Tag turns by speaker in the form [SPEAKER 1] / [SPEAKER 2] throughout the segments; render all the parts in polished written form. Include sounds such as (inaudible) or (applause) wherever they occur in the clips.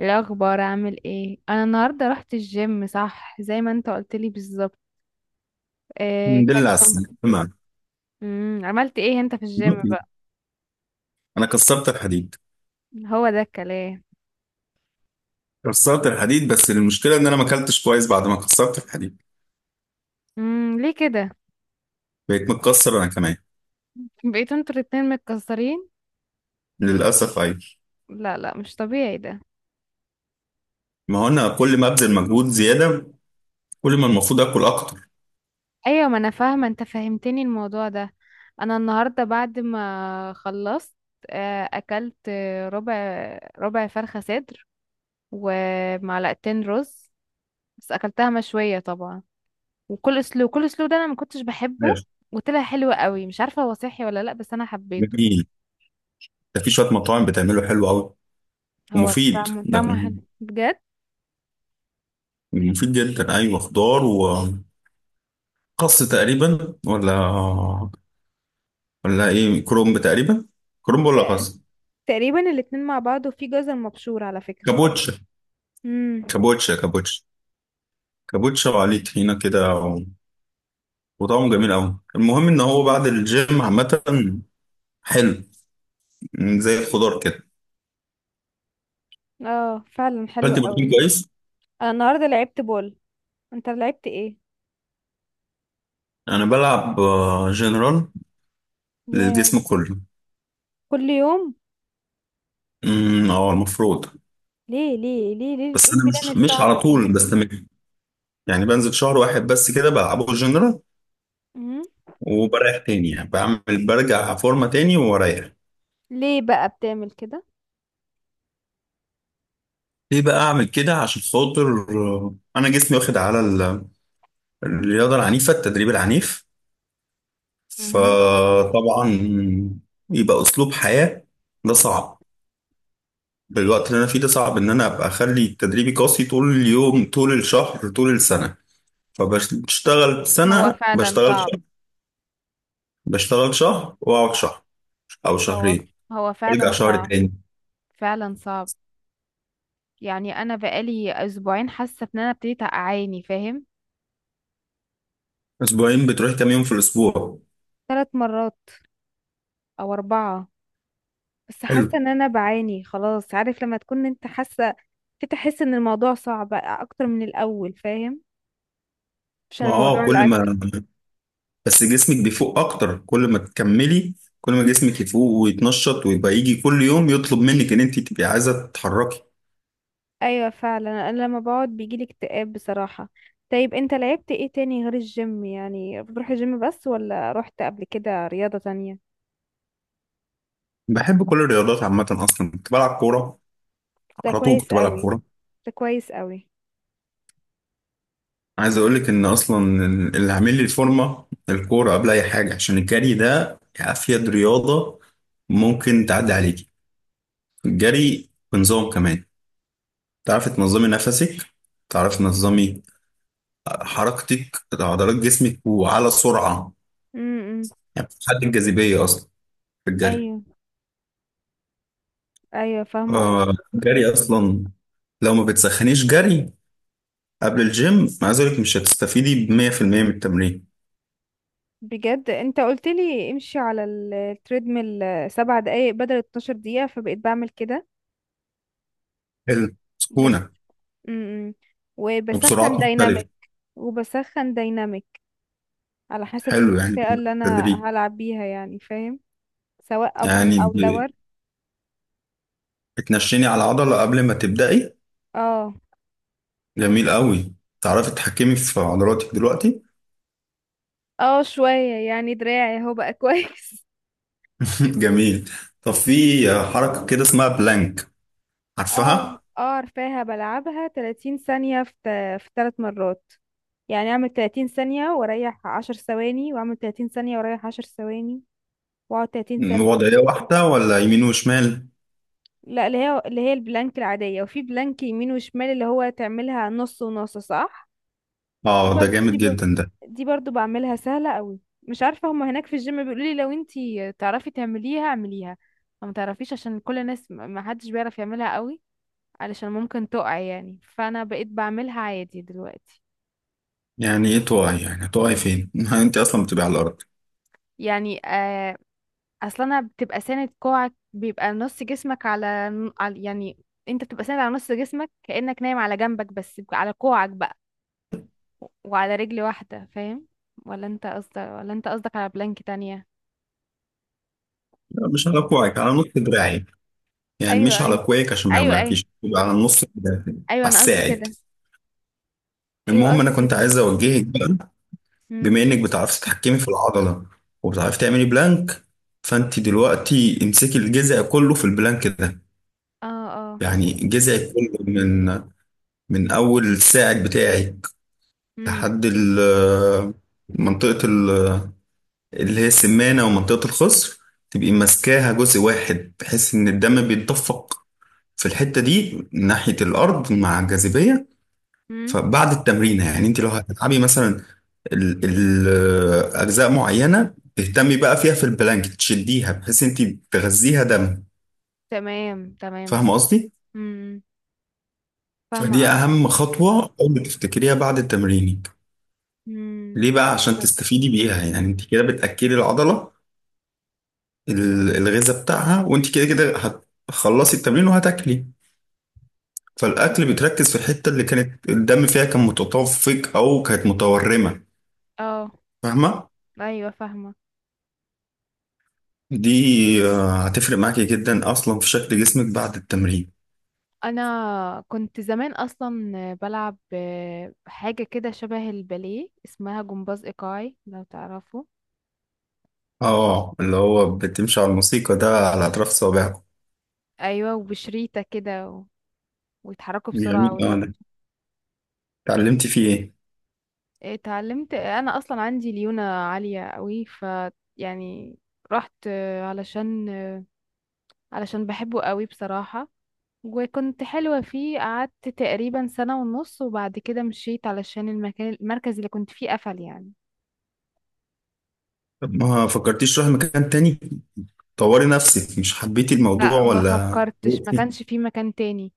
[SPEAKER 1] إيه الاخبار؟ عامل ايه؟ انا النهارده رحت الجيم، صح؟ زي ما انت قلت لي بالظبط. آه،
[SPEAKER 2] الحمد
[SPEAKER 1] كان
[SPEAKER 2] لله على
[SPEAKER 1] (laughs)
[SPEAKER 2] السلامة، تمام.
[SPEAKER 1] عملت ايه انت في الجيم بقى؟
[SPEAKER 2] انا كسرت الحديد.
[SPEAKER 1] هو ده الكلام.
[SPEAKER 2] كسرت الحديد، بس المشكله ان انا ما اكلتش كويس بعد ما كسرت الحديد.
[SPEAKER 1] ليه كده؟
[SPEAKER 2] بقيت متكسر انا كمان.
[SPEAKER 1] بقيتوا انتوا الاتنين متكسرين؟
[SPEAKER 2] للاسف ايوه.
[SPEAKER 1] لا، لا، مش طبيعي ده.
[SPEAKER 2] ما هو انا كل ما ابذل مجهود زياده، كل ما المفروض اكل اكتر.
[SPEAKER 1] ايوه، ما انا فاهمه، انت فهمتني الموضوع ده. انا النهارده بعد ما خلصت اكلت، ربع، ربع فرخه صدر، ومعلقتين رز، بس اكلتها مشويه طبعا. وكل اسلوب ده انا ما كنتش بحبه،
[SPEAKER 2] ماشي.
[SPEAKER 1] وطلع حلو قوي. مش عارفه هو صحي ولا لا، بس انا حبيته يعني.
[SPEAKER 2] جميل. ده في شويه مطاعم بتعمله حلو قوي.
[SPEAKER 1] هو
[SPEAKER 2] ومفيد
[SPEAKER 1] طعمه
[SPEAKER 2] ده.
[SPEAKER 1] طعمه حلو بجد.
[SPEAKER 2] مفيد جدا ايوه. خضار وخس تقريبا، ولا ايه، كرومب تقريبا، كرومب ولا
[SPEAKER 1] آه،
[SPEAKER 2] خس؟
[SPEAKER 1] تقريبا الاتنين مع بعض، وفي جزر مبشور على فكره.
[SPEAKER 2] كابوتشا
[SPEAKER 1] امم.
[SPEAKER 2] كابوتشا. كابوتشا كابوتشا وعليه طحينه كده. وطعمه جميل قوي. المهم ان هو
[SPEAKER 1] مم.
[SPEAKER 2] بعد الجيم عامه حلو. زي الخضار كده.
[SPEAKER 1] اه فعلا حلو
[SPEAKER 2] اكلت بروتين
[SPEAKER 1] قوي.
[SPEAKER 2] كويس.
[SPEAKER 1] انا النهارده لعبت بول، انت لعبت ايه؟
[SPEAKER 2] انا بلعب جنرال
[SPEAKER 1] ياه،
[SPEAKER 2] للجسم كله.
[SPEAKER 1] كل يوم؟
[SPEAKER 2] امم، اه المفروض.
[SPEAKER 1] ليه ليه ليه ليه، ايه
[SPEAKER 2] بس انا
[SPEAKER 1] البلان
[SPEAKER 2] مش
[SPEAKER 1] الصعبه
[SPEAKER 2] على
[SPEAKER 1] دي؟
[SPEAKER 2] طول بستمر. يعني بنزل شهر واحد بس كده بلعبه جنرال.
[SPEAKER 1] امم.
[SPEAKER 2] وبريح تاني. يعني بعمل برجع فورمه تاني واريح.
[SPEAKER 1] ليه بقى بتعمل كده؟
[SPEAKER 2] ليه بقى اعمل كده؟ عشان خاطر انا جسمي واخد على الرياضه العنيفه، التدريب العنيف.
[SPEAKER 1] مهم.
[SPEAKER 2] فطبعا يبقى اسلوب حياة. ده صعب. بالوقت اللي انا فيه ده صعب ان انا ابقى اخلي تدريبي قاسي طول اليوم، طول الشهر، طول السنة. فبشتغل
[SPEAKER 1] هو
[SPEAKER 2] سنة،
[SPEAKER 1] فعلا
[SPEAKER 2] بشتغل
[SPEAKER 1] صعب.
[SPEAKER 2] شهر. بشتغل شهر واقعد شهر او
[SPEAKER 1] هو،
[SPEAKER 2] شهرين.
[SPEAKER 1] هو
[SPEAKER 2] ارجع
[SPEAKER 1] فعلا
[SPEAKER 2] شهر
[SPEAKER 1] صعب،
[SPEAKER 2] تاني.
[SPEAKER 1] فعلا صعب. يعني انا بقالي اسبوعين حاسه ان انا ابتديت اعاني، فاهم؟
[SPEAKER 2] اسبوعين بتروح كام يوم في الاسبوع؟
[SPEAKER 1] ثلاث مرات او اربعه. بس
[SPEAKER 2] حلو.
[SPEAKER 1] حاسه ان انا بعاني خلاص. عارف لما تكون انت حاسه، تحس ان الموضوع صعب اكتر من الاول، فاهم؟
[SPEAKER 2] ما
[SPEAKER 1] عشان
[SPEAKER 2] اه
[SPEAKER 1] موضوع
[SPEAKER 2] كل ما
[SPEAKER 1] الاكل.
[SPEAKER 2] بس جسمك بيفوق اكتر كل ما تكملي. كل ما جسمك يفوق ويتنشط ويبقى يجي كل يوم يطلب منك ان انت تبقي عايزة تتحركي.
[SPEAKER 1] ايوه فعلا، انا لما بقعد بيجيلي اكتئاب بصراحه. طيب، انت لعبت ايه تاني غير الجيم؟ يعني بتروح الجيم بس ولا رحت قبل كده رياضه تانية؟
[SPEAKER 2] بحب كل الرياضات عامة. أصلا كنت بلعب كورة.
[SPEAKER 1] ده
[SPEAKER 2] على طول
[SPEAKER 1] كويس
[SPEAKER 2] كنت بلعب
[SPEAKER 1] قوي.
[SPEAKER 2] كورة.
[SPEAKER 1] ده كويس قوي.
[SPEAKER 2] عايز أقول لك إن أصلا اللي عامل لي الفورمة الكورة قبل أي حاجة، عشان الجري ده أفيد رياضة ممكن تعدي عليكي. الجري بنظام كمان، تعرفي تنظمي نفسك، تعرفي تنظمي حركتك، عضلات
[SPEAKER 1] (laughs)
[SPEAKER 2] جسمك وعلى سرعة.
[SPEAKER 1] امم امم.
[SPEAKER 2] يعني بتحدد الجاذبية أصلا في الجري.
[SPEAKER 1] ايوه ايوه، فاهمه.
[SPEAKER 2] آه الجري أصلا، لو ما بتسخنيش جري قبل الجيم، عايز أقول لك مش هتستفيدي بمية في المية من التمرين.
[SPEAKER 1] بجد، انت قلت لي امشي على التريدميل 7 دقايق بدل 12 دقيقة، فبقيت بعمل كده
[SPEAKER 2] حلو
[SPEAKER 1] بس.
[SPEAKER 2] سكونة.
[SPEAKER 1] امم
[SPEAKER 2] وبسرعات
[SPEAKER 1] وبسخن
[SPEAKER 2] مختلفة.
[SPEAKER 1] دايناميك. وبسخن دايناميك على حسب
[SPEAKER 2] حلو، يعني
[SPEAKER 1] المنطقة اللي انا
[SPEAKER 2] بالتدريج.
[SPEAKER 1] هلعب بيها، يعني فاهم؟ سواء ابر
[SPEAKER 2] يعني
[SPEAKER 1] او لور.
[SPEAKER 2] بتنشيني على عضلة قبل ما تبدأي.
[SPEAKER 1] اه.
[SPEAKER 2] جميل قوي. تعرفي تتحكمي في عضلاتك دلوقتي.
[SPEAKER 1] اه شوية، يعني دراعي اهو بقى (laughs) كويس.
[SPEAKER 2] (laughs) جميل. طب في حركة كده اسمها بلانك،
[SPEAKER 1] اه.
[SPEAKER 2] عارفها؟
[SPEAKER 1] اه عارفاها، بلعبها 30 ثانية في في 3 مرات. يعني اعمل 30 ثانية واريح 10 ثواني، واعمل 30 ثانية واريح 10 ثواني، واقعد 30 ثانية.
[SPEAKER 2] وضعية واحدة ولا يمين وشمال؟
[SPEAKER 1] لا، اللي هي البلانك العادية، وفي بلانك يمين وشمال، اللي هو تعملها نص ونص، صح؟ دي
[SPEAKER 2] اه ده
[SPEAKER 1] برضو دي
[SPEAKER 2] جامد
[SPEAKER 1] بر...
[SPEAKER 2] جدا ده.
[SPEAKER 1] دي برضو بعملها سهلة قوي. مش عارفة، هما هناك في الجيم بيقولوا لي لو انتي تعرفي تعمليها اعمليها، لو ما تعرفيش، عشان كل الناس ما حدش بيعرف يعملها قوي، علشان ممكن تقع يعني. فانا بقيت بعملها عادي دلوقتي.
[SPEAKER 2] يعني ايه تقعي؟ يعني هتقعي فين؟ (laughs) انت اصلا بتبقي على الارض.
[SPEAKER 1] يعني آه، اصلا انا بتبقى ساند كوعك، بيبقى نص جسمك على، يعني انت بتبقى ساند على نص جسمك كأنك نايم على جنبك، بس على كوعك بقى، وعلى رجل واحدة، فاهم؟ ولا انت قصدك على بلانك تانية؟
[SPEAKER 2] لا، مش على كوعك، على نص دراعي. يعني
[SPEAKER 1] ايوه
[SPEAKER 2] مش على
[SPEAKER 1] ايوه.
[SPEAKER 2] كوعك عشان ما
[SPEAKER 1] ايوه ايوه.
[SPEAKER 2] يوجعكيش، تبقى على نص دراعك.
[SPEAKER 1] ايوه
[SPEAKER 2] على
[SPEAKER 1] انا قصدي
[SPEAKER 2] الساعد.
[SPEAKER 1] كده. ايوه
[SPEAKER 2] المهم انا
[SPEAKER 1] قصدي
[SPEAKER 2] كنت
[SPEAKER 1] كده.
[SPEAKER 2] عايز اوجهك بقى.
[SPEAKER 1] امم.
[SPEAKER 2] بما انك بتعرفي تتحكمي في العضله، وبتعرفي تعملي بلانك، فانت دلوقتي امسكي الجذع كله في البلانك ده.
[SPEAKER 1] اه. اه.
[SPEAKER 2] يعني جذعك كله من اول الساعد بتاعك
[SPEAKER 1] امم.
[SPEAKER 2] لحد منطقه اللي هي السمانه ومنطقه الخصر. تبقي ماسكاها جزء واحد بحيث ان الدم بيتدفق في الحته دي ناحيه الارض مع الجاذبيه.
[SPEAKER 1] امم.
[SPEAKER 2] فبعد التمرين، يعني انت لو هتلعبي مثلا اجزاء معينه تهتمي بقى فيها في البلانك، تشديها بحيث انت تغذيها دم.
[SPEAKER 1] تمام تمام.
[SPEAKER 2] فاهمه قصدي؟
[SPEAKER 1] امم. فاهمة
[SPEAKER 2] فدي
[SPEAKER 1] قصدك.
[SPEAKER 2] اهم خطوه اول ما تفتكريها بعد تمرينك.
[SPEAKER 1] امم.
[SPEAKER 2] ليه بقى؟ عشان تستفيدي بيها. يعني انت كده بتاكلي العضله، الغذاء بتاعها. وانت كده كده هتخلصي التمرين وهتاكلي، فالاكل بتركز في الحته اللي كانت الدم فيها كان متدفق او كانت متورمه.
[SPEAKER 1] اه.
[SPEAKER 2] فاهمه؟
[SPEAKER 1] ايوه فاهمة.
[SPEAKER 2] دي هتفرق معاكي جدا اصلا في شكل جسمك بعد التمرين.
[SPEAKER 1] انا كنت زمان اصلا بلعب، حاجة كده شبه الباليه، اسمها جمباز ايقاعي، لو تعرفه.
[SPEAKER 2] اه اللي هو بتمشي على الموسيقى ده على اطراف صوابعك.
[SPEAKER 1] ايوه، وبشريطة كده ويتحركوا بسرعة.
[SPEAKER 2] جميل. اه أنا اتعلمتي فيه ايه؟
[SPEAKER 1] اتعلمت، انا اصلا عندي ليونة عالية قوي، ف يعني، رحت علشان بحبه قوي بصراحة، وكنت حلوة فيه. قعدت تقريبا سنة ونص، وبعد كده مشيت علشان المكان، المركز اللي كنت فيه قفل يعني.
[SPEAKER 2] طب ما فكرتيش تروحي مكان تاني، طوري نفسك؟ مش حبيتي الموضوع
[SPEAKER 1] لا، ما
[SPEAKER 2] ولا
[SPEAKER 1] فكرتش، ما
[SPEAKER 2] زهقتي؟
[SPEAKER 1] كانش فيه مكان تاني.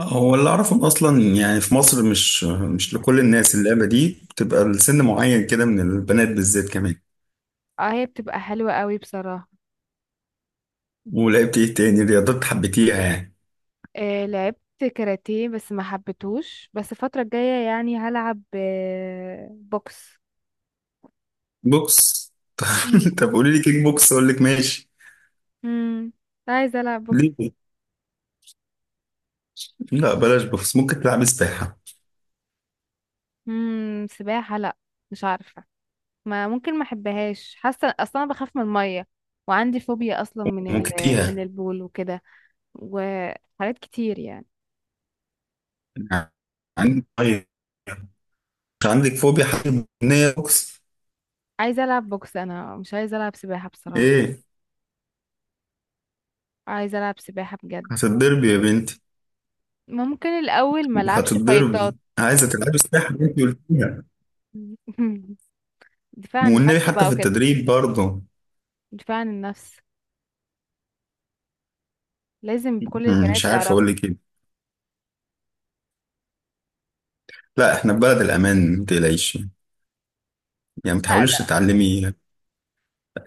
[SPEAKER 2] هو اللي اعرفه إن اصلا يعني في مصر مش لكل الناس اللعبه دي، بتبقى لسن معين كده من البنات بالذات كمان.
[SPEAKER 1] اه، هي بتبقى حلوة قوي بصراحة.
[SPEAKER 2] ولعبت ايه تاني رياضات حبيتيها يعني؟
[SPEAKER 1] لعبت كاراتيه بس ما حبيتهوش، بس الفترة الجاية يعني هلعب بوكس.
[SPEAKER 2] بوكس.
[SPEAKER 1] مم.
[SPEAKER 2] (laughs) طب قولي لي كيك بوكس اقول لك ماشي.
[SPEAKER 1] امم. عايزة العب بوكس.
[SPEAKER 2] ليه؟ لا بلاش، بس ممكن تلعب سباحة.
[SPEAKER 1] امم. سباحة لا، مش عارفة. ما ممكن، ما احبهاش، حاسة اصلا انا بخاف من المية، وعندي فوبيا اصلا من ال
[SPEAKER 2] ممكن
[SPEAKER 1] (laughs) من
[SPEAKER 2] تيها.
[SPEAKER 1] البول وكده، وحاجات كتير يعني.
[SPEAKER 2] عندك طيب، مش عندك فوبيا حاجة بنية بوكس.
[SPEAKER 1] عايزة العب بوكس، انا مش عايزة العب سباحة بصراحة.
[SPEAKER 2] ايه؟
[SPEAKER 1] عايزة العب سباحة بجد.
[SPEAKER 2] هتتضربي يا بنتي.
[SPEAKER 1] ممكن الاول ما العبش فايتات.
[SPEAKER 2] هتتضربي، عايزة تلعبي سباحة بنتي قلتيها.
[SPEAKER 1] (laughs) دفاع عن
[SPEAKER 2] والنبي
[SPEAKER 1] النفس
[SPEAKER 2] حتى
[SPEAKER 1] بقى
[SPEAKER 2] في
[SPEAKER 1] وكده.
[SPEAKER 2] التدريب برضه.
[SPEAKER 1] دفاع عن النفس لازم كل البنات
[SPEAKER 2] مش عارف
[SPEAKER 1] تعرفه.
[SPEAKER 2] اقول لك ايه. لا، احنا في بلد الامان، ما تقلقيش. يعني ما
[SPEAKER 1] لا
[SPEAKER 2] تحاوليش
[SPEAKER 1] لا.
[SPEAKER 2] تتعلمي.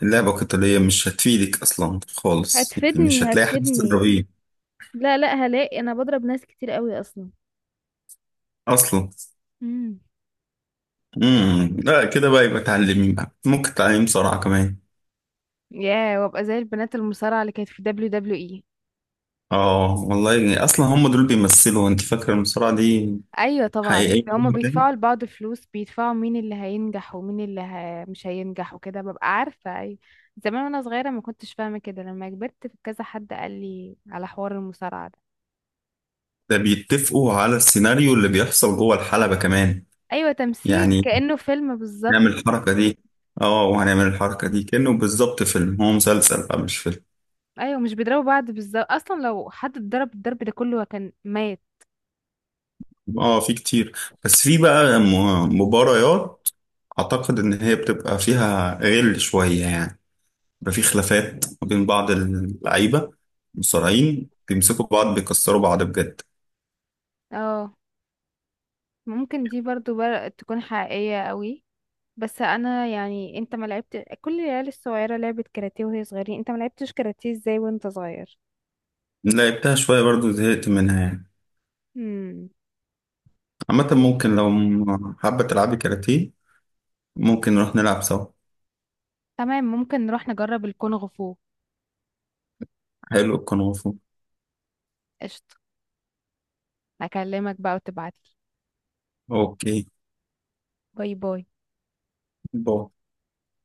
[SPEAKER 2] اللعبة القتالية مش هتفيدك اصلا خالص، يعني مش
[SPEAKER 1] هتفيدني
[SPEAKER 2] هتلاقي حد
[SPEAKER 1] هتفيدني.
[SPEAKER 2] تضربيه
[SPEAKER 1] لا لا هلاقي، انا بضرب ناس كتير قوي اصلا.
[SPEAKER 2] اصلا.
[SPEAKER 1] مم.
[SPEAKER 2] امم، لا كده بقى يبقى تعلمي بقى. ممكن تعلمي بسرعة كمان.
[SPEAKER 1] ياه، وابقى زي البنات المصارعة اللي كانت في دبليو دبليو اي.
[SPEAKER 2] اه والله، يعني اصلا هم دول بيمثلوا. انت فاكره المصارعه دي
[SPEAKER 1] ايوه طبعا،
[SPEAKER 2] حقيقيه جوه
[SPEAKER 1] هما
[SPEAKER 2] البنك؟
[SPEAKER 1] بيدفعوا لبعض فلوس، بيدفعوا مين اللي هينجح ومين اللي مش هينجح وكده، ببقى عارفة اي. زمان وانا صغيرة ما كنتش فاهمة كده، لما كبرت في كذا حد قال لي على حوار المصارعة ده.
[SPEAKER 2] ده بيتفقوا على السيناريو اللي بيحصل جوه الحلبه كمان.
[SPEAKER 1] ايوه تمثيل،
[SPEAKER 2] يعني
[SPEAKER 1] كأنه فيلم بالظبط.
[SPEAKER 2] نعمل الحركه دي، اه وهنعمل الحركه دي، كانه بالظبط فيلم. هو مسلسل بقى مش فيلم.
[SPEAKER 1] ايوه، مش بيضربوا بعض بالظبط، اصلا لو حد اتضرب الضرب ده كله كان مات.
[SPEAKER 2] اه في كتير. بس في بقى مباريات اعتقد ان هي بتبقى فيها غل شويه يعني. بيبقى في خلافات ما بين بعض اللعيبه، المصارعين بيمسكوا بعض، بيكسروا بعض بجد.
[SPEAKER 1] اه. ممكن تكون حقيقية قوي. بس انا يعني، انت ما لعبت، كل العيال الصغيره لعبت كاراتيه وهي صغيرين، انت ما لعبتش كاراتيه ازاي وانت صغير؟
[SPEAKER 2] لعبتها شويه برضو زهقت منها يعني.
[SPEAKER 1] امم.
[SPEAKER 2] عامة ممكن لو حابة تلعبي كاراتيه، ممكن نروح نلعب سوا.
[SPEAKER 1] تمام، ممكن نروح نجرب الكونغ فو.
[SPEAKER 2] حلو الكونغ فو.
[SPEAKER 1] قشطه. هكلمك بقى وتبعتلي.
[SPEAKER 2] اوكي.
[SPEAKER 1] باي باي.
[SPEAKER 2] باي.